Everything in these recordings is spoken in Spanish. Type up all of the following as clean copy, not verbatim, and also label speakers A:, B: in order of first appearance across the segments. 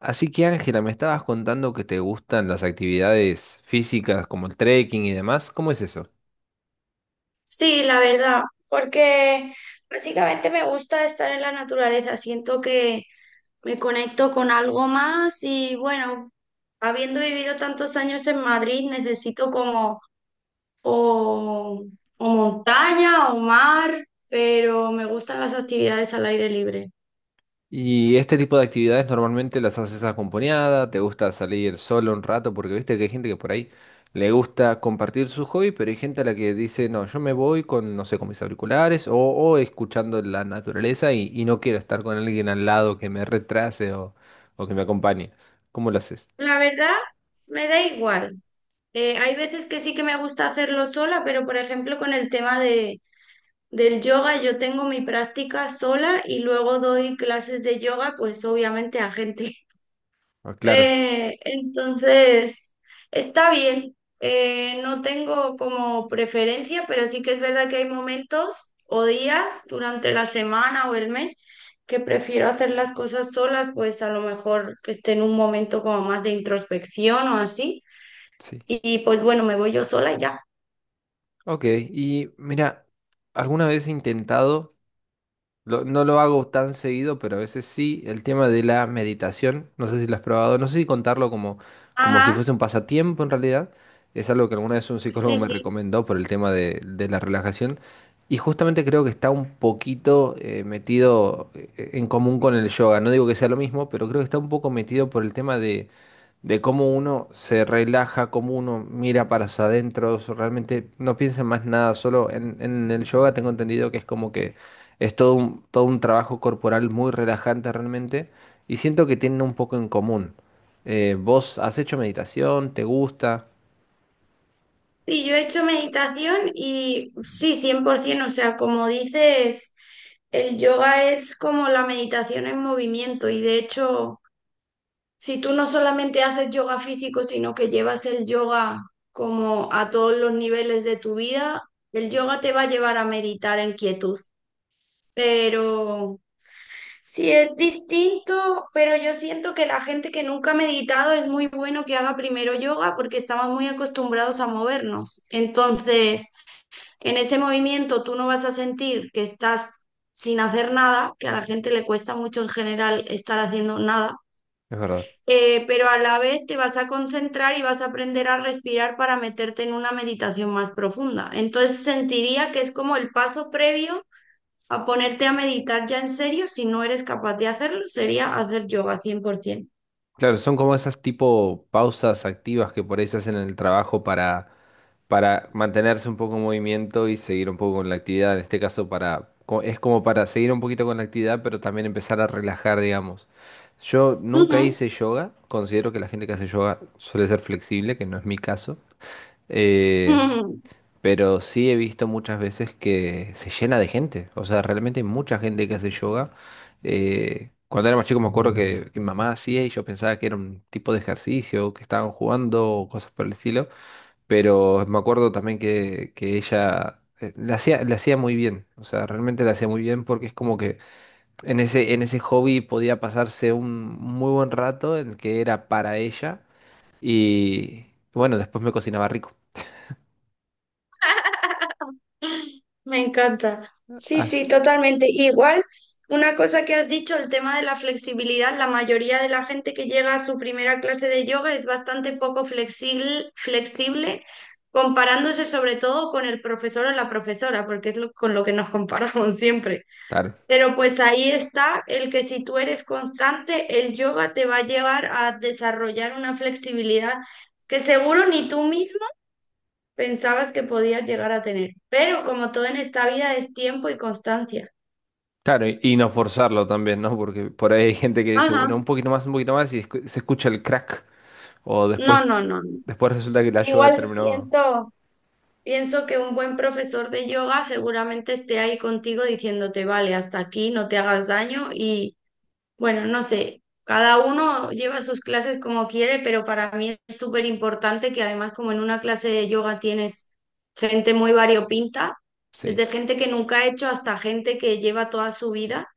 A: Así que Ángela, me estabas contando que te gustan las actividades físicas como el trekking y demás. ¿Cómo es eso?
B: Sí, la verdad, porque básicamente me gusta estar en la naturaleza, siento que me conecto con algo más y bueno, habiendo vivido tantos años en Madrid, necesito como o, o montaña o mar, pero me gustan las actividades al aire libre.
A: ¿Y este tipo de actividades normalmente las haces acompañada? ¿Te gusta salir solo un rato? Porque viste que hay gente que por ahí le gusta compartir su hobby, pero hay gente a la que dice, no, yo me voy con, no sé, con mis auriculares o escuchando la naturaleza y no quiero estar con alguien al lado que me retrase o que me acompañe. ¿Cómo lo haces?
B: La verdad, me da igual. Hay veces que sí que me gusta hacerlo sola, pero por ejemplo con el tema de del yoga yo tengo mi práctica sola y luego doy clases de yoga, pues obviamente a gente.
A: Ah, claro,
B: Entonces, está bien. No tengo como preferencia, pero sí que es verdad que hay momentos o días durante la semana o el mes que prefiero hacer las cosas sola, pues a lo mejor que esté en un momento como más de introspección o así.
A: sí.
B: Y pues bueno, me voy yo sola y ya.
A: Ok, y mira, alguna vez he intentado... No lo hago tan seguido, pero a veces sí. El tema de la meditación, no sé si lo has probado, no sé si contarlo como, como si
B: Ajá,
A: fuese un pasatiempo en realidad. Es algo que alguna vez un psicólogo
B: sí,
A: me
B: sí.
A: recomendó por el tema de la relajación. Y justamente creo que está un poquito metido en común con el yoga. No digo que sea lo mismo, pero creo que está un poco metido por el tema de cómo uno se relaja, cómo uno mira para hacia adentro, realmente no piensa en más nada, solo en el yoga tengo entendido que es como que es todo un trabajo corporal muy relajante realmente y siento que tienen un poco en común. ¿Vos has hecho meditación? ¿Te gusta?
B: Sí, yo he hecho meditación y sí, 100%, o sea, como dices, el yoga es como la meditación en movimiento y, de hecho, si tú no solamente haces yoga físico, sino que llevas el yoga como a todos los niveles de tu vida, el yoga te va a llevar a meditar en quietud. Pero sí es distinto, pero yo siento que la gente que nunca ha meditado es muy bueno que haga primero yoga porque estamos muy acostumbrados a movernos. Entonces, en ese movimiento tú no vas a sentir que estás sin hacer nada, que a la gente le cuesta mucho en general estar haciendo nada,
A: Es verdad.
B: pero a la vez te vas a concentrar y vas a aprender a respirar para meterte en una meditación más profunda. Entonces sentiría que es como el paso previo a ponerte a meditar ya en serio. Si no eres capaz de hacerlo, sería hacer yoga 100%.
A: Claro, son como esas tipo pausas activas que por ahí se hacen en el trabajo para mantenerse un poco en movimiento y seguir un poco con la actividad. En este caso, para, es como para seguir un poquito con la actividad, pero también empezar a relajar, digamos. Yo
B: Ujú.
A: nunca hice yoga, considero que la gente que hace yoga suele ser flexible, que no es mi caso. Eh, pero sí he visto muchas veces que se llena de gente. O sea, realmente hay mucha gente que hace yoga. Cuando era más chico me acuerdo que mi mamá hacía y yo pensaba que era un tipo de ejercicio, que estaban jugando o cosas por el estilo. Pero me acuerdo también que ella la hacía muy bien. O sea, realmente la hacía muy bien porque es como que en ese hobby podía pasarse un muy buen rato en el que era para ella. Y bueno, después me cocinaba rico.
B: Me encanta. Sí, sí,
A: As-
B: totalmente. Igual, una cosa que has dicho, el tema de la flexibilidad, la mayoría de la gente que llega a su primera clase de yoga es bastante poco flexible, flexible, comparándose sobre todo con el profesor o la profesora, porque es con lo que nos comparamos siempre.
A: claro.
B: Pero pues ahí está el que si tú eres constante, el yoga te va a llevar a desarrollar una flexibilidad que seguro ni tú mismo pensabas que podías llegar a tener. Pero como todo en esta vida, es tiempo y constancia.
A: Claro, y no forzarlo también, ¿no? Porque por ahí hay gente que dice,
B: Ajá.
A: bueno, un poquito más, y se escucha el crack. O
B: No, no,
A: después,
B: no, no.
A: después resulta que la yoga
B: Igual
A: terminó.
B: siento, pienso que un buen profesor de yoga seguramente esté ahí contigo diciéndote, vale, hasta aquí, no te hagas daño y bueno, no sé. Cada uno lleva sus clases como quiere, pero para mí es súper importante que, además, como en una clase de yoga tienes gente muy variopinta,
A: Sí.
B: desde gente que nunca ha hecho hasta gente que lleva toda su vida.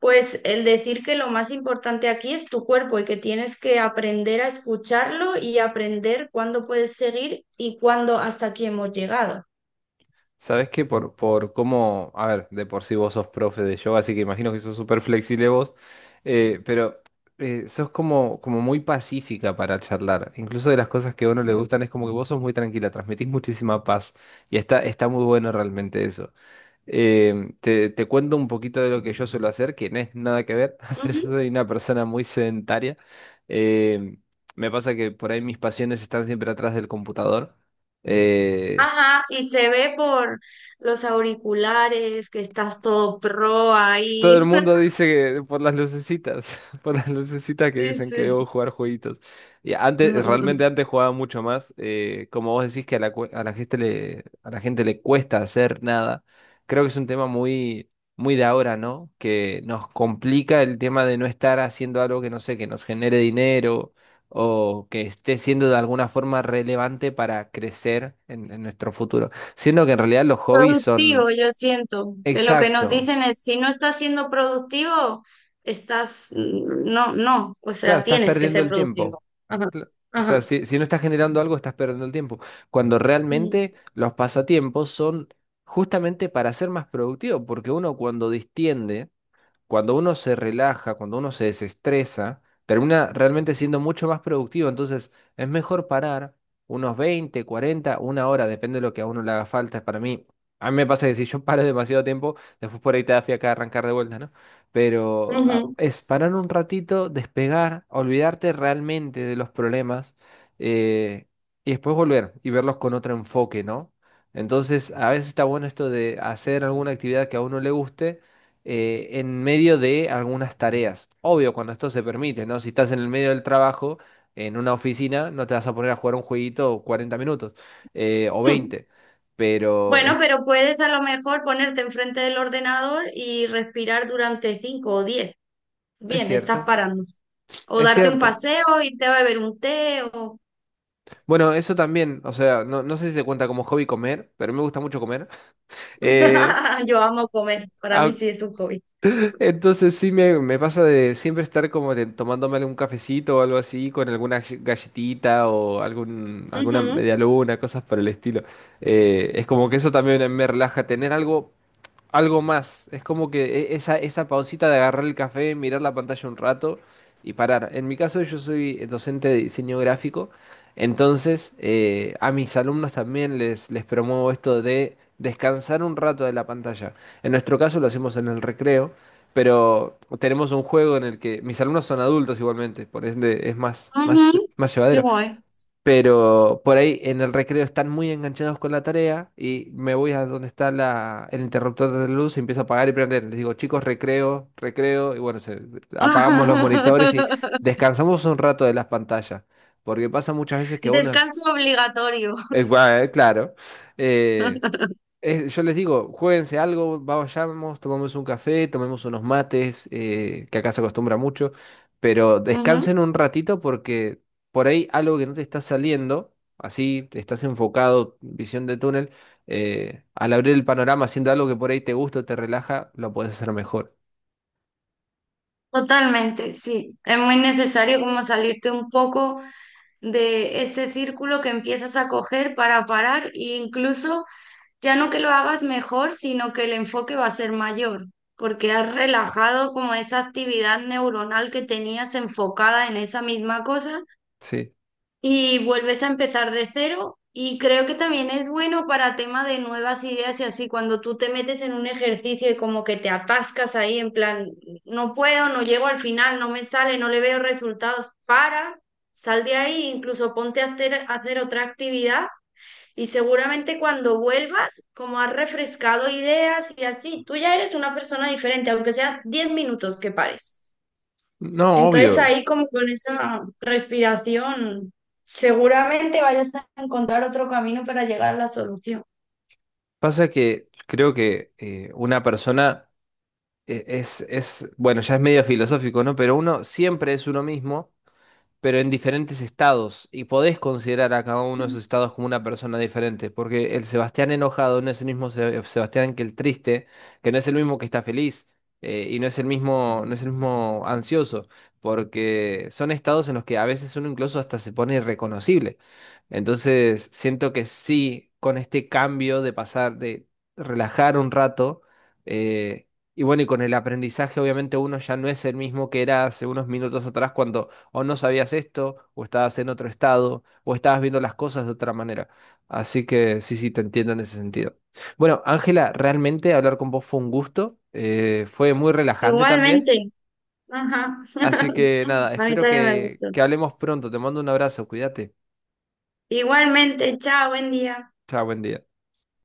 B: Pues el decir que lo más importante aquí es tu cuerpo y que tienes que aprender a escucharlo y aprender cuándo puedes seguir y cuándo hasta aquí hemos llegado.
A: ¿Sabes qué? Por cómo. A ver, de por sí vos sos profe de yoga, así que imagino que sos súper flexible vos. Pero sos como, como muy pacífica para charlar. Incluso de las cosas que a uno le gustan es como que vos sos muy tranquila, transmitís muchísima paz. Y está muy bueno realmente eso. Te cuento un poquito de lo que yo suelo hacer, que no es nada que ver. O sea, yo
B: Ujú.
A: soy una persona muy sedentaria. Eh, Me pasa que por ahí mis pasiones están siempre atrás del computador.
B: Ajá, y se ve por los auriculares que estás todo pro
A: Todo
B: ahí.
A: el mundo dice que por las lucecitas, por las lucecitas que
B: Sí,
A: dicen que
B: sí.
A: debo jugar jueguitos. Y antes, realmente antes jugaba mucho más. Como vos decís que a la, a la gente a la gente le cuesta hacer nada, creo que es un tema muy de ahora, ¿no? Que nos complica el tema de no estar haciendo algo que no sé, que nos genere dinero o que esté siendo de alguna forma relevante para crecer en nuestro futuro. Siendo que en realidad los hobbies
B: Productivo,
A: son...
B: yo siento que lo que nos
A: Exacto.
B: dicen es, si no estás siendo productivo, estás, no, no, o
A: Claro,
B: sea,
A: estás
B: tienes que
A: perdiendo
B: ser
A: el tiempo.
B: productivo. Ajá,
A: Cla- O sea,
B: ajá.
A: si no estás generando algo, estás perdiendo el tiempo. Cuando
B: Mm.
A: realmente los pasatiempos son justamente para ser más productivo, porque uno cuando distiende cuando uno se relaja, cuando uno se desestresa, termina realmente siendo mucho más productivo. Entonces, es mejor parar unos 20, 40, una hora, depende de lo que a uno le haga falta. Para mí, a mí me pasa que si yo paro demasiado tiempo, después por ahí te da fiaca arrancar de vuelta, ¿no? Pero ah, es parar un ratito, despegar, olvidarte realmente de los problemas eh, y después volver y verlos con otro enfoque, ¿no? Entonces, a veces está bueno esto de hacer alguna actividad que a uno le guste en medio de algunas tareas. Obvio, cuando esto se permite, ¿no? Si estás en el medio del trabajo, en una oficina, no te vas a poner a jugar un jueguito 40 minutos o
B: Ujú.
A: veinte. Pero
B: Bueno, pero puedes a lo mejor ponerte enfrente del ordenador y respirar durante 5 o 10.
A: es
B: Bien, estás
A: cierto,
B: parando. O
A: es
B: darte un
A: cierto.
B: paseo, irte a beber un té o...
A: Bueno, eso también, o sea, no, no sé si se cuenta como hobby comer, pero me gusta mucho comer. Eh,
B: Yo amo comer, para mí sí es un hobby.
A: Entonces sí me pasa de siempre estar como de, tomándome algún cafecito o algo así, con alguna galletita o alguna
B: Ujú,
A: media luna, cosas por el estilo. Es como que eso también me relaja, tener algo algo más. Es como que esa pausita de agarrar el café, mirar la pantalla un rato y parar. En mi caso, yo soy docente de diseño gráfico, entonces a mis alumnos también les promuevo esto de descansar un rato de la pantalla. En nuestro caso lo hacemos en el recreo, pero tenemos un juego en el que mis alumnos son adultos igualmente, por ende es
B: ujú,
A: más
B: qué
A: llevadero.
B: guay.
A: Pero por ahí en el recreo están muy enganchados con la tarea y me voy a donde está el interruptor de luz, empiezo a apagar y prender. Les digo, chicos, recreo, recreo, y bueno, apagamos los monitores y descansamos un rato de las pantallas. Porque pasa muchas veces que uno,
B: Descanso obligatorio.
A: bueno, claro, eh, yo les digo, juéguense algo, vayamos, tomemos un café, tomemos unos mates, que acá se acostumbra mucho, pero
B: Ujú,
A: descansen un ratito porque por ahí algo que no te está saliendo, así estás enfocado, visión de túnel, al abrir el panorama haciendo algo que por ahí te gusta, o te relaja, lo puedes hacer mejor.
B: totalmente, sí. Es muy necesario como salirte un poco de ese círculo que empiezas a coger para parar e incluso ya no que lo hagas mejor, sino que el enfoque va a ser mayor, porque has relajado como esa actividad neuronal que tenías enfocada en esa misma cosa
A: Sí.
B: y vuelves a empezar de cero. Y creo que también es bueno para tema de nuevas ideas y así, cuando tú te metes en un ejercicio y como que te atascas ahí en plan, no puedo, no llego al final, no me sale, no le veo resultados, para, sal de ahí, incluso ponte a hacer otra actividad y seguramente cuando vuelvas, como has refrescado ideas y así, tú ya eres una persona diferente, aunque sea 10 minutos que pares.
A: No,
B: Entonces
A: obvio.
B: ahí, como con esa respiración, seguramente vayas a encontrar otro camino para llegar a la solución.
A: Pasa que creo que una persona bueno, ya es medio filosófico, ¿no? Pero uno siempre es uno mismo pero en diferentes estados, y podés considerar a cada uno de esos estados como una persona diferente, porque el Sebastián enojado no es el mismo Sebastián que el triste, que no es el mismo que está feliz, y no es el mismo, no es el mismo ansioso, porque son estados en los que a veces uno incluso hasta se pone irreconocible. Entonces, siento que sí, con este cambio de pasar, de relajar un rato, eh, y bueno, y con el aprendizaje, obviamente uno ya no es el mismo que era hace unos minutos atrás cuando o no sabías esto, o estabas en otro estado, o estabas viendo las cosas de otra manera. Así que sí, sí, te entiendo en ese sentido. Bueno, Ángela, realmente hablar con vos fue un gusto, fue muy relajante también.
B: Igualmente. Ajá.
A: Así que nada,
B: A mí
A: espero
B: también me gustó.
A: que hablemos pronto. Te mando un abrazo, cuídate.
B: Igualmente, chao, buen día.
A: Chao, buen día.